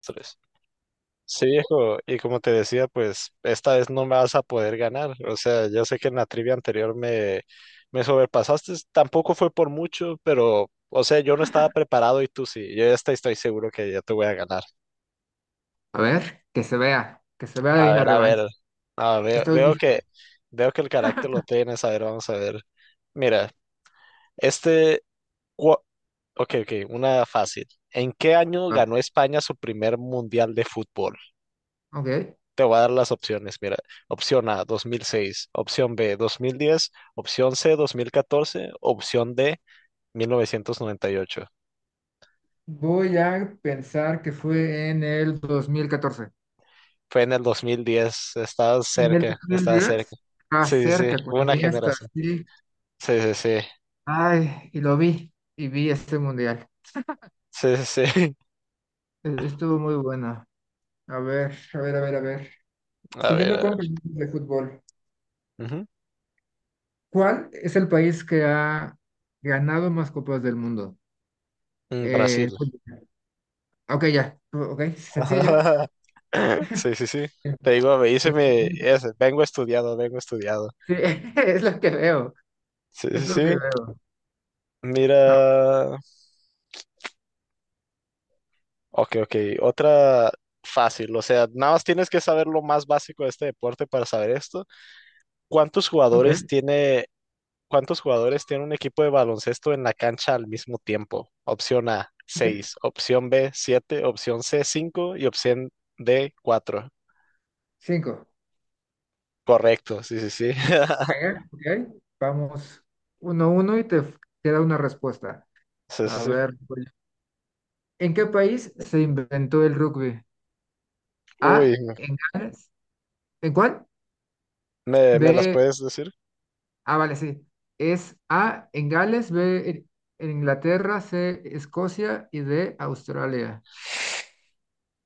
Tres. Sí, viejo, y como te decía, pues esta vez no me vas a poder ganar. O sea, yo sé que en la trivia anterior me sobrepasaste, tampoco fue por mucho, pero, o sea, yo no estaba preparado y tú sí. Yo ya estoy seguro que ya te voy a ganar. A ver, que se vea ahí A una ver, a revancha. ver. Ah, veo, Estoy veo que, listo. veo que el carácter lo tienes. A ver, vamos a ver. Mira, este. cua- ok, ok, una fácil. ¿En qué año Va, ganó España su primer mundial de fútbol? ok. Te voy a dar las opciones. Mira, opción A, 2006. Opción B, 2010. Opción C, 2014. Opción D, 1998. Voy a pensar que fue en el 2014. Fue en el 2010, estabas En el cerca, dos mil estabas cerca. diez. estaba Sí, sí, sí, cerca fue con una Iniesta, generación. sí. Sí, sí, sí, Ay, y lo vi, y vi este mundial. sí, sí, sí. Estuvo muy bueno. A ver, a ver, a ver, a ver. A ver, Siguiendo a con ver. preguntas de fútbol, Ujú. ¿cuál es el país que ha ganado más copas del mundo? Mm, Brasil. Fútbol. Ok, ya, ok, sencillo. Sí, sí, sí. Te digo, me hice mi... Sencillo. ese, vengo estudiado, vengo estudiado. Sí, es lo que veo, Sí, sí, es lo que sí. veo. Ah, Mira. Ok, ok. Otra fácil, o sea, nada más tienes que saber lo más básico de este deporte para saber esto. ¿Cuántos ok, jugadores tiene, cuántos jugadores tiene un equipo de baloncesto en la cancha al mismo tiempo? Opción A, ok. seis. Opción B, 7. Opción C, 5. Y opción D, 4. Cinco. Correcto, sí, sí, sí. Venga, ok. Vamos uno uno y queda una respuesta. Sí, sí, A sí. ver, voy yo. ¿En qué país se inventó el rugby? Uy, A, en Gales. ¿En cuál? ¿me las B, puedes decir? ah, vale, sí. Es A, en Gales; B, en Inglaterra; C, Escocia y D, Australia.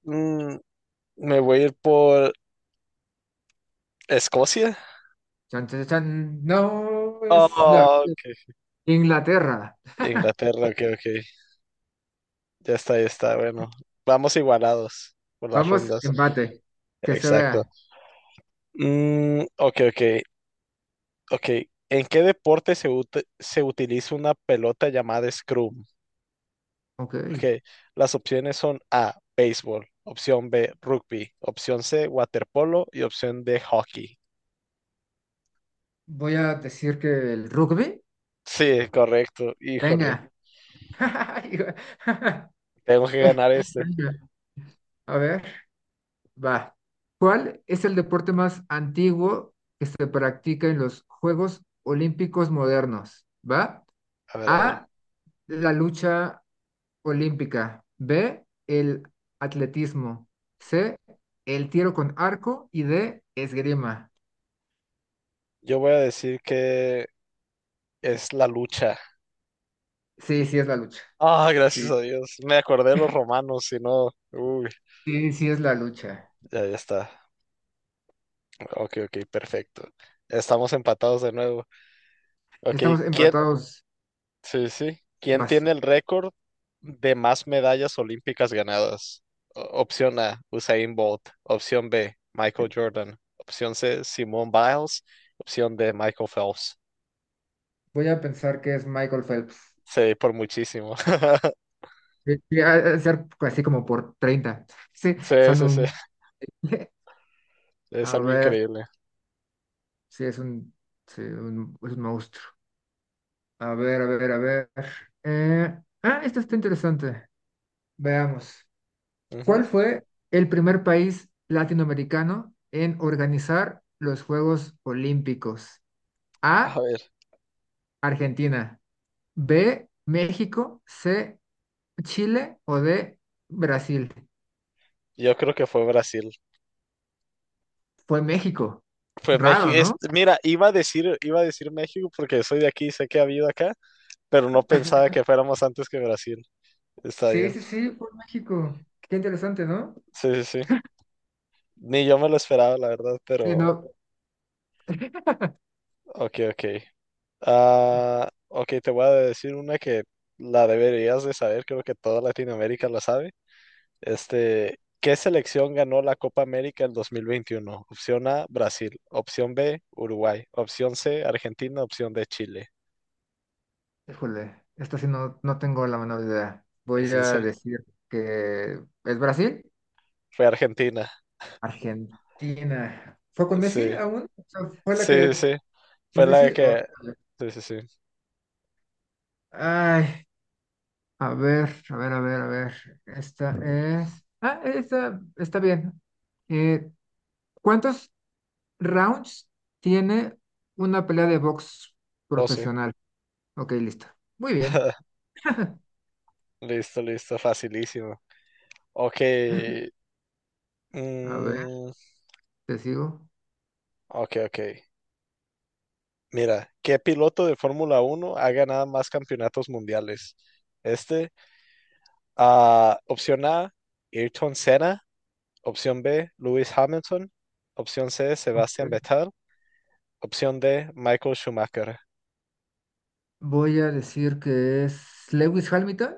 Mm, me voy a ir por Escocia. Chan, chan, chan. No, es la Oh, ok. Inglaterra. Inglaterra, ok, ok. Ya está, ya está. Bueno, vamos igualados por las Vamos, rondas. empate. Que se Exacto. vea. Mm, ok, ok, ok. ¿En qué deporte se utiliza una pelota llamada scrum? Ok. Ok, las opciones son A, béisbol, opción B, rugby, opción C, waterpolo y opción D, hockey. Voy a decir que el rugby. Sí, correcto. Híjole, Venga. tengo que ganar este. Venga, a ver, va. ¿Cuál es el deporte más antiguo que se practica en los Juegos Olímpicos modernos? ¿Va? A ver, a ver. A, la lucha olímpica. B, el atletismo. C, el tiro con arco. Y D, esgrima. Yo voy a decir que es la lucha. Sí, sí es la lucha. Ah, Sí, gracias a Dios. Me acordé de los romanos, si no. Uy, sí, sí es la lucha. ya, ya está. Ok, ok, perfecto. Estamos empatados de nuevo. Ok, Estamos ¿quién? empatados. Sí, sí. ¿Quién Vas. tiene el récord de más medallas olímpicas ganadas? Opción A, Usain Bolt. Opción B, Michael Jordan. Opción C, Simone Biles. Opción D, Michael Phelps. Voy a pensar que es Michael Phelps. Sí, por muchísimo. Sí, sí, ha de ser así como por 30. Sí, Sí, son sí, sí. un... Es A algo ver, increíble. sí, es un, sí, un, es un monstruo. A ver, a ver, a ver. Esto está interesante. Veamos. ¿Cuál Ujú. fue el primer país latinoamericano en organizar los Juegos Olímpicos? A A, ver, Argentina. B, México. C, Chile o D, Brasil. yo creo que fue Brasil. Fue México. Fue México. Raro, ¿no? Mira, iba a decir México porque soy de aquí y sé que ha habido acá, pero no pensaba que fuéramos antes que Brasil. Está Sí, bien. sí, sí, fue México. Qué interesante, ¿no? Sí, sí, sí. Ni yo me lo esperaba, la verdad, Sí, pero no. ok, ok. Ah, ok, te voy a decir una que la deberías de saber, creo que toda Latinoamérica la sabe. Este, ¿qué selección ganó la Copa América el 2021? Opción A, Brasil. Opción B, Uruguay. Opción C, Argentina. Opción D, Chile. Híjole, esto sí no, no tengo la menor idea. Voy Es en a serio. decir que es Brasil, Fue Argentina. Argentina. ¿Fue con Messi Sí, aún? O sea, ¿fue la sí, sí, que sí. con Fue la Messi? Que... Vale. Sí, sí, sí. Ay, a ver, a ver, a ver, a ver. Esta es. Ah, esta está bien. Eh, ¿Cuántos rounds tiene una pelea de box Oh, sí. profesional? Ok, lista. Muy bien. Listo, listo, facilísimo. Ok. A ver, Mm, te sigo. ok, ok. Mira, ¿qué piloto de Fórmula 1 ha ganado más campeonatos mundiales? Este, opción A, Ayrton Senna. Opción B, Lewis Hamilton. Opción C, Sebastian Ok. Vettel. Opción D, Michael Schumacher. Voy a decir que es Lewis Hamilton.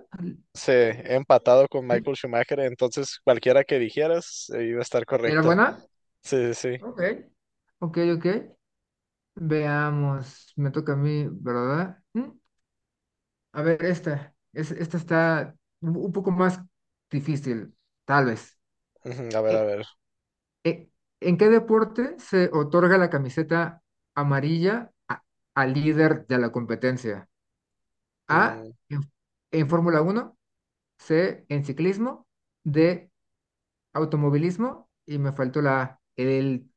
Sí, he empatado con ¿Sí? Michael Schumacher, entonces cualquiera que dijeras iba a estar ¿Era correcta. buena? Sí, sí, sí. Ok. Ok, ok. Veamos. Me toca a mí, ¿verdad? Mm. A ver, esta. Esta está un poco más difícil, tal vez. Ujú, a ver, a E- ver. e- ¿En qué deporte se otorga la camiseta amarilla al líder de la competencia? A, Mm, en Fórmula Uno. C, en ciclismo; D, automovilismo, y me faltó la A, el,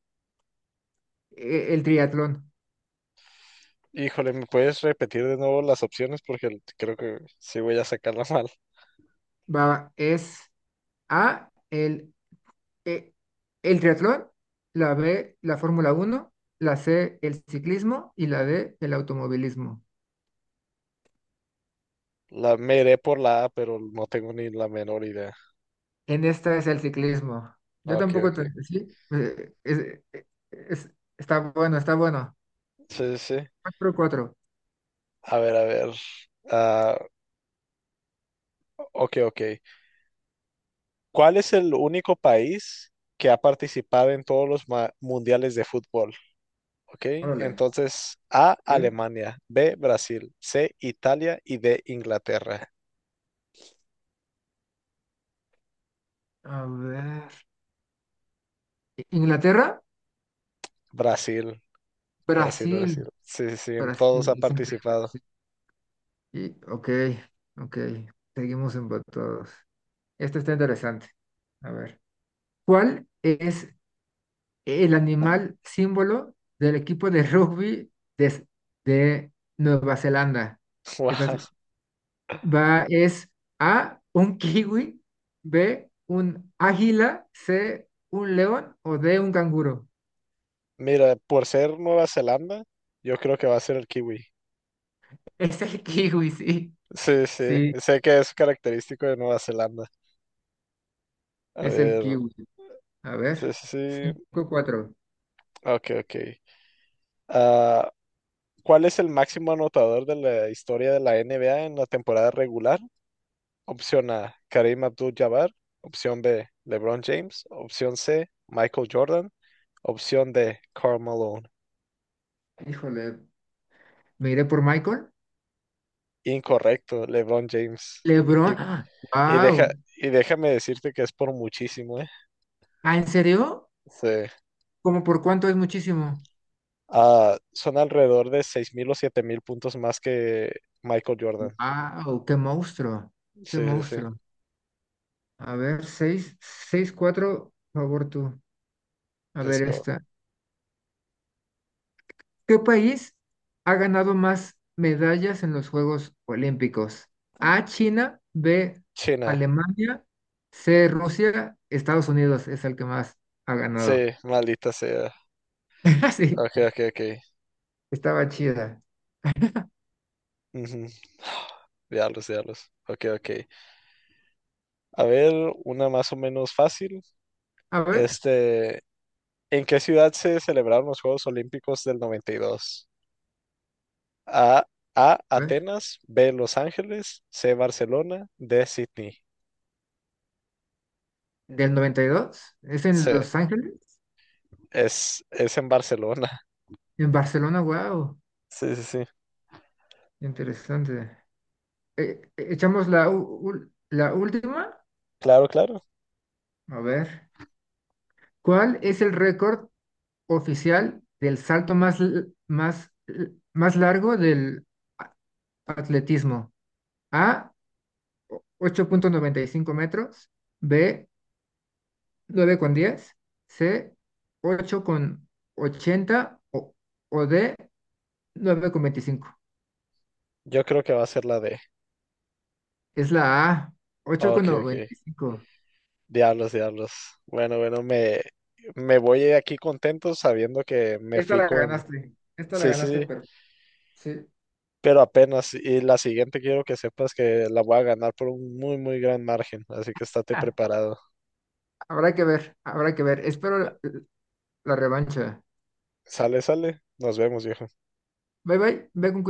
e- el triatlón. Híjole, ¿me puedes repetir de nuevo las opciones? Porque creo que sí voy a sacarla mal. Va, es A, e- el triatlón; la B, la Fórmula uno; la C, el ciclismo y la D, el automovilismo. La Me iré por la A, pero no tengo ni la menor idea. En esta es el ciclismo. Yo Ok, tampoco, ok. Sí, es- está bueno, está bueno. Sí, sí, sí. Cuatro cuatro. A ver, a ver. Ah, ok, ok. ¿Cuál es el único país que ha participado en todos los mundiales de fútbol? Ok, Órale. entonces A, Ok. Alemania, B, Brasil, C, Italia y D, Inglaterra. A ver. Inglaterra, Brasil, Brasil, Brasil. Brasil. Sí, sí, sí, en Pero todos ha sí, es increíble. Pues, participado. sí. Y, ok, ok. Seguimos empatados. Esta está interesante. A ver. ¿Cuál es el animal símbolo del equipo de rugby de, de Nueva Zelanda? Esta Wow. es- Va, es A, un kiwi; B, un águila; C, un león o D, un canguro. Mira, por ser Nueva Zelanda, yo creo que va a ser el kiwi. Es el kiwi, sí. Sí, sí, Sí, sé que es característico de Nueva Zelanda. A es el ver, kiwi. A sí, ver. sí, sí. Cinco cuatro. Ok, ok. Ah, ¿cuál es el máximo anotador de la historia de la NBA en la temporada regular? Opción A, Kareem Abdul-Jabbar. Opción B, LeBron James. Opción C, Michael Jordan. Opción D, Karl Malone. Híjole, me iré por Michael. Incorrecto, LeBron James. Y, LeBron. y deja, Wow. y déjame decirte que es por muchísimo, ¿eh? ¿Ah, en serio? Sí. ¿Cómo por cuánto es muchísimo? Ah, son alrededor de 6000 o 7000 puntos más que Michael Jordan. Wow, qué monstruo. Qué Sí, sí, sí. monstruo. A ver, seis, seis, cuatro, por favor tú. A Let's ver go. esta. ¿Qué país ha ganado más medallas en los Juegos Olímpicos? A, China; B, China. Alemania; C, Rusia. Estados Unidos es el que más ha Sí, ganado. maldita sea. Sí, Ok, ok, ok. estaba chida. Ujú. Diablos, diablos. Ok, ok. A ver, una más o menos fácil. A ver, Este, ¿En qué ciudad se celebraron los Juegos Olímpicos del 92? A, A, a ver. Atenas, B, Los Ángeles, C, Barcelona, D, Sydney. Del 92 es en Sí, Los Ángeles. es en Barcelona. En Barcelona, wow, Sí, sí, sí. interesante. Echamos la última, Claro, claro. a ver, ¿cuál es el récord oficial del salto más largo del atletismo? A, 8.95 metros; B, 9,10; C, 8,80, o D, 9,25. Yo creo que va a ser la D. Es la A, Ok, ok. 8.95. Diablos, diablos. Bueno, bueno, me voy de aquí contento sabiendo que me Esta fui la con... ganaste, esta la Sí, sí, ganaste, sí, pero sí. pero apenas. Y la siguiente quiero que sepas que la voy a ganar por un muy, muy gran margen. Así que estate Ah, preparado. habrá que ver, habrá que ver. Espero la revancha. Sale, sale. Nos vemos, viejo. Bye bye, ve con cuidado.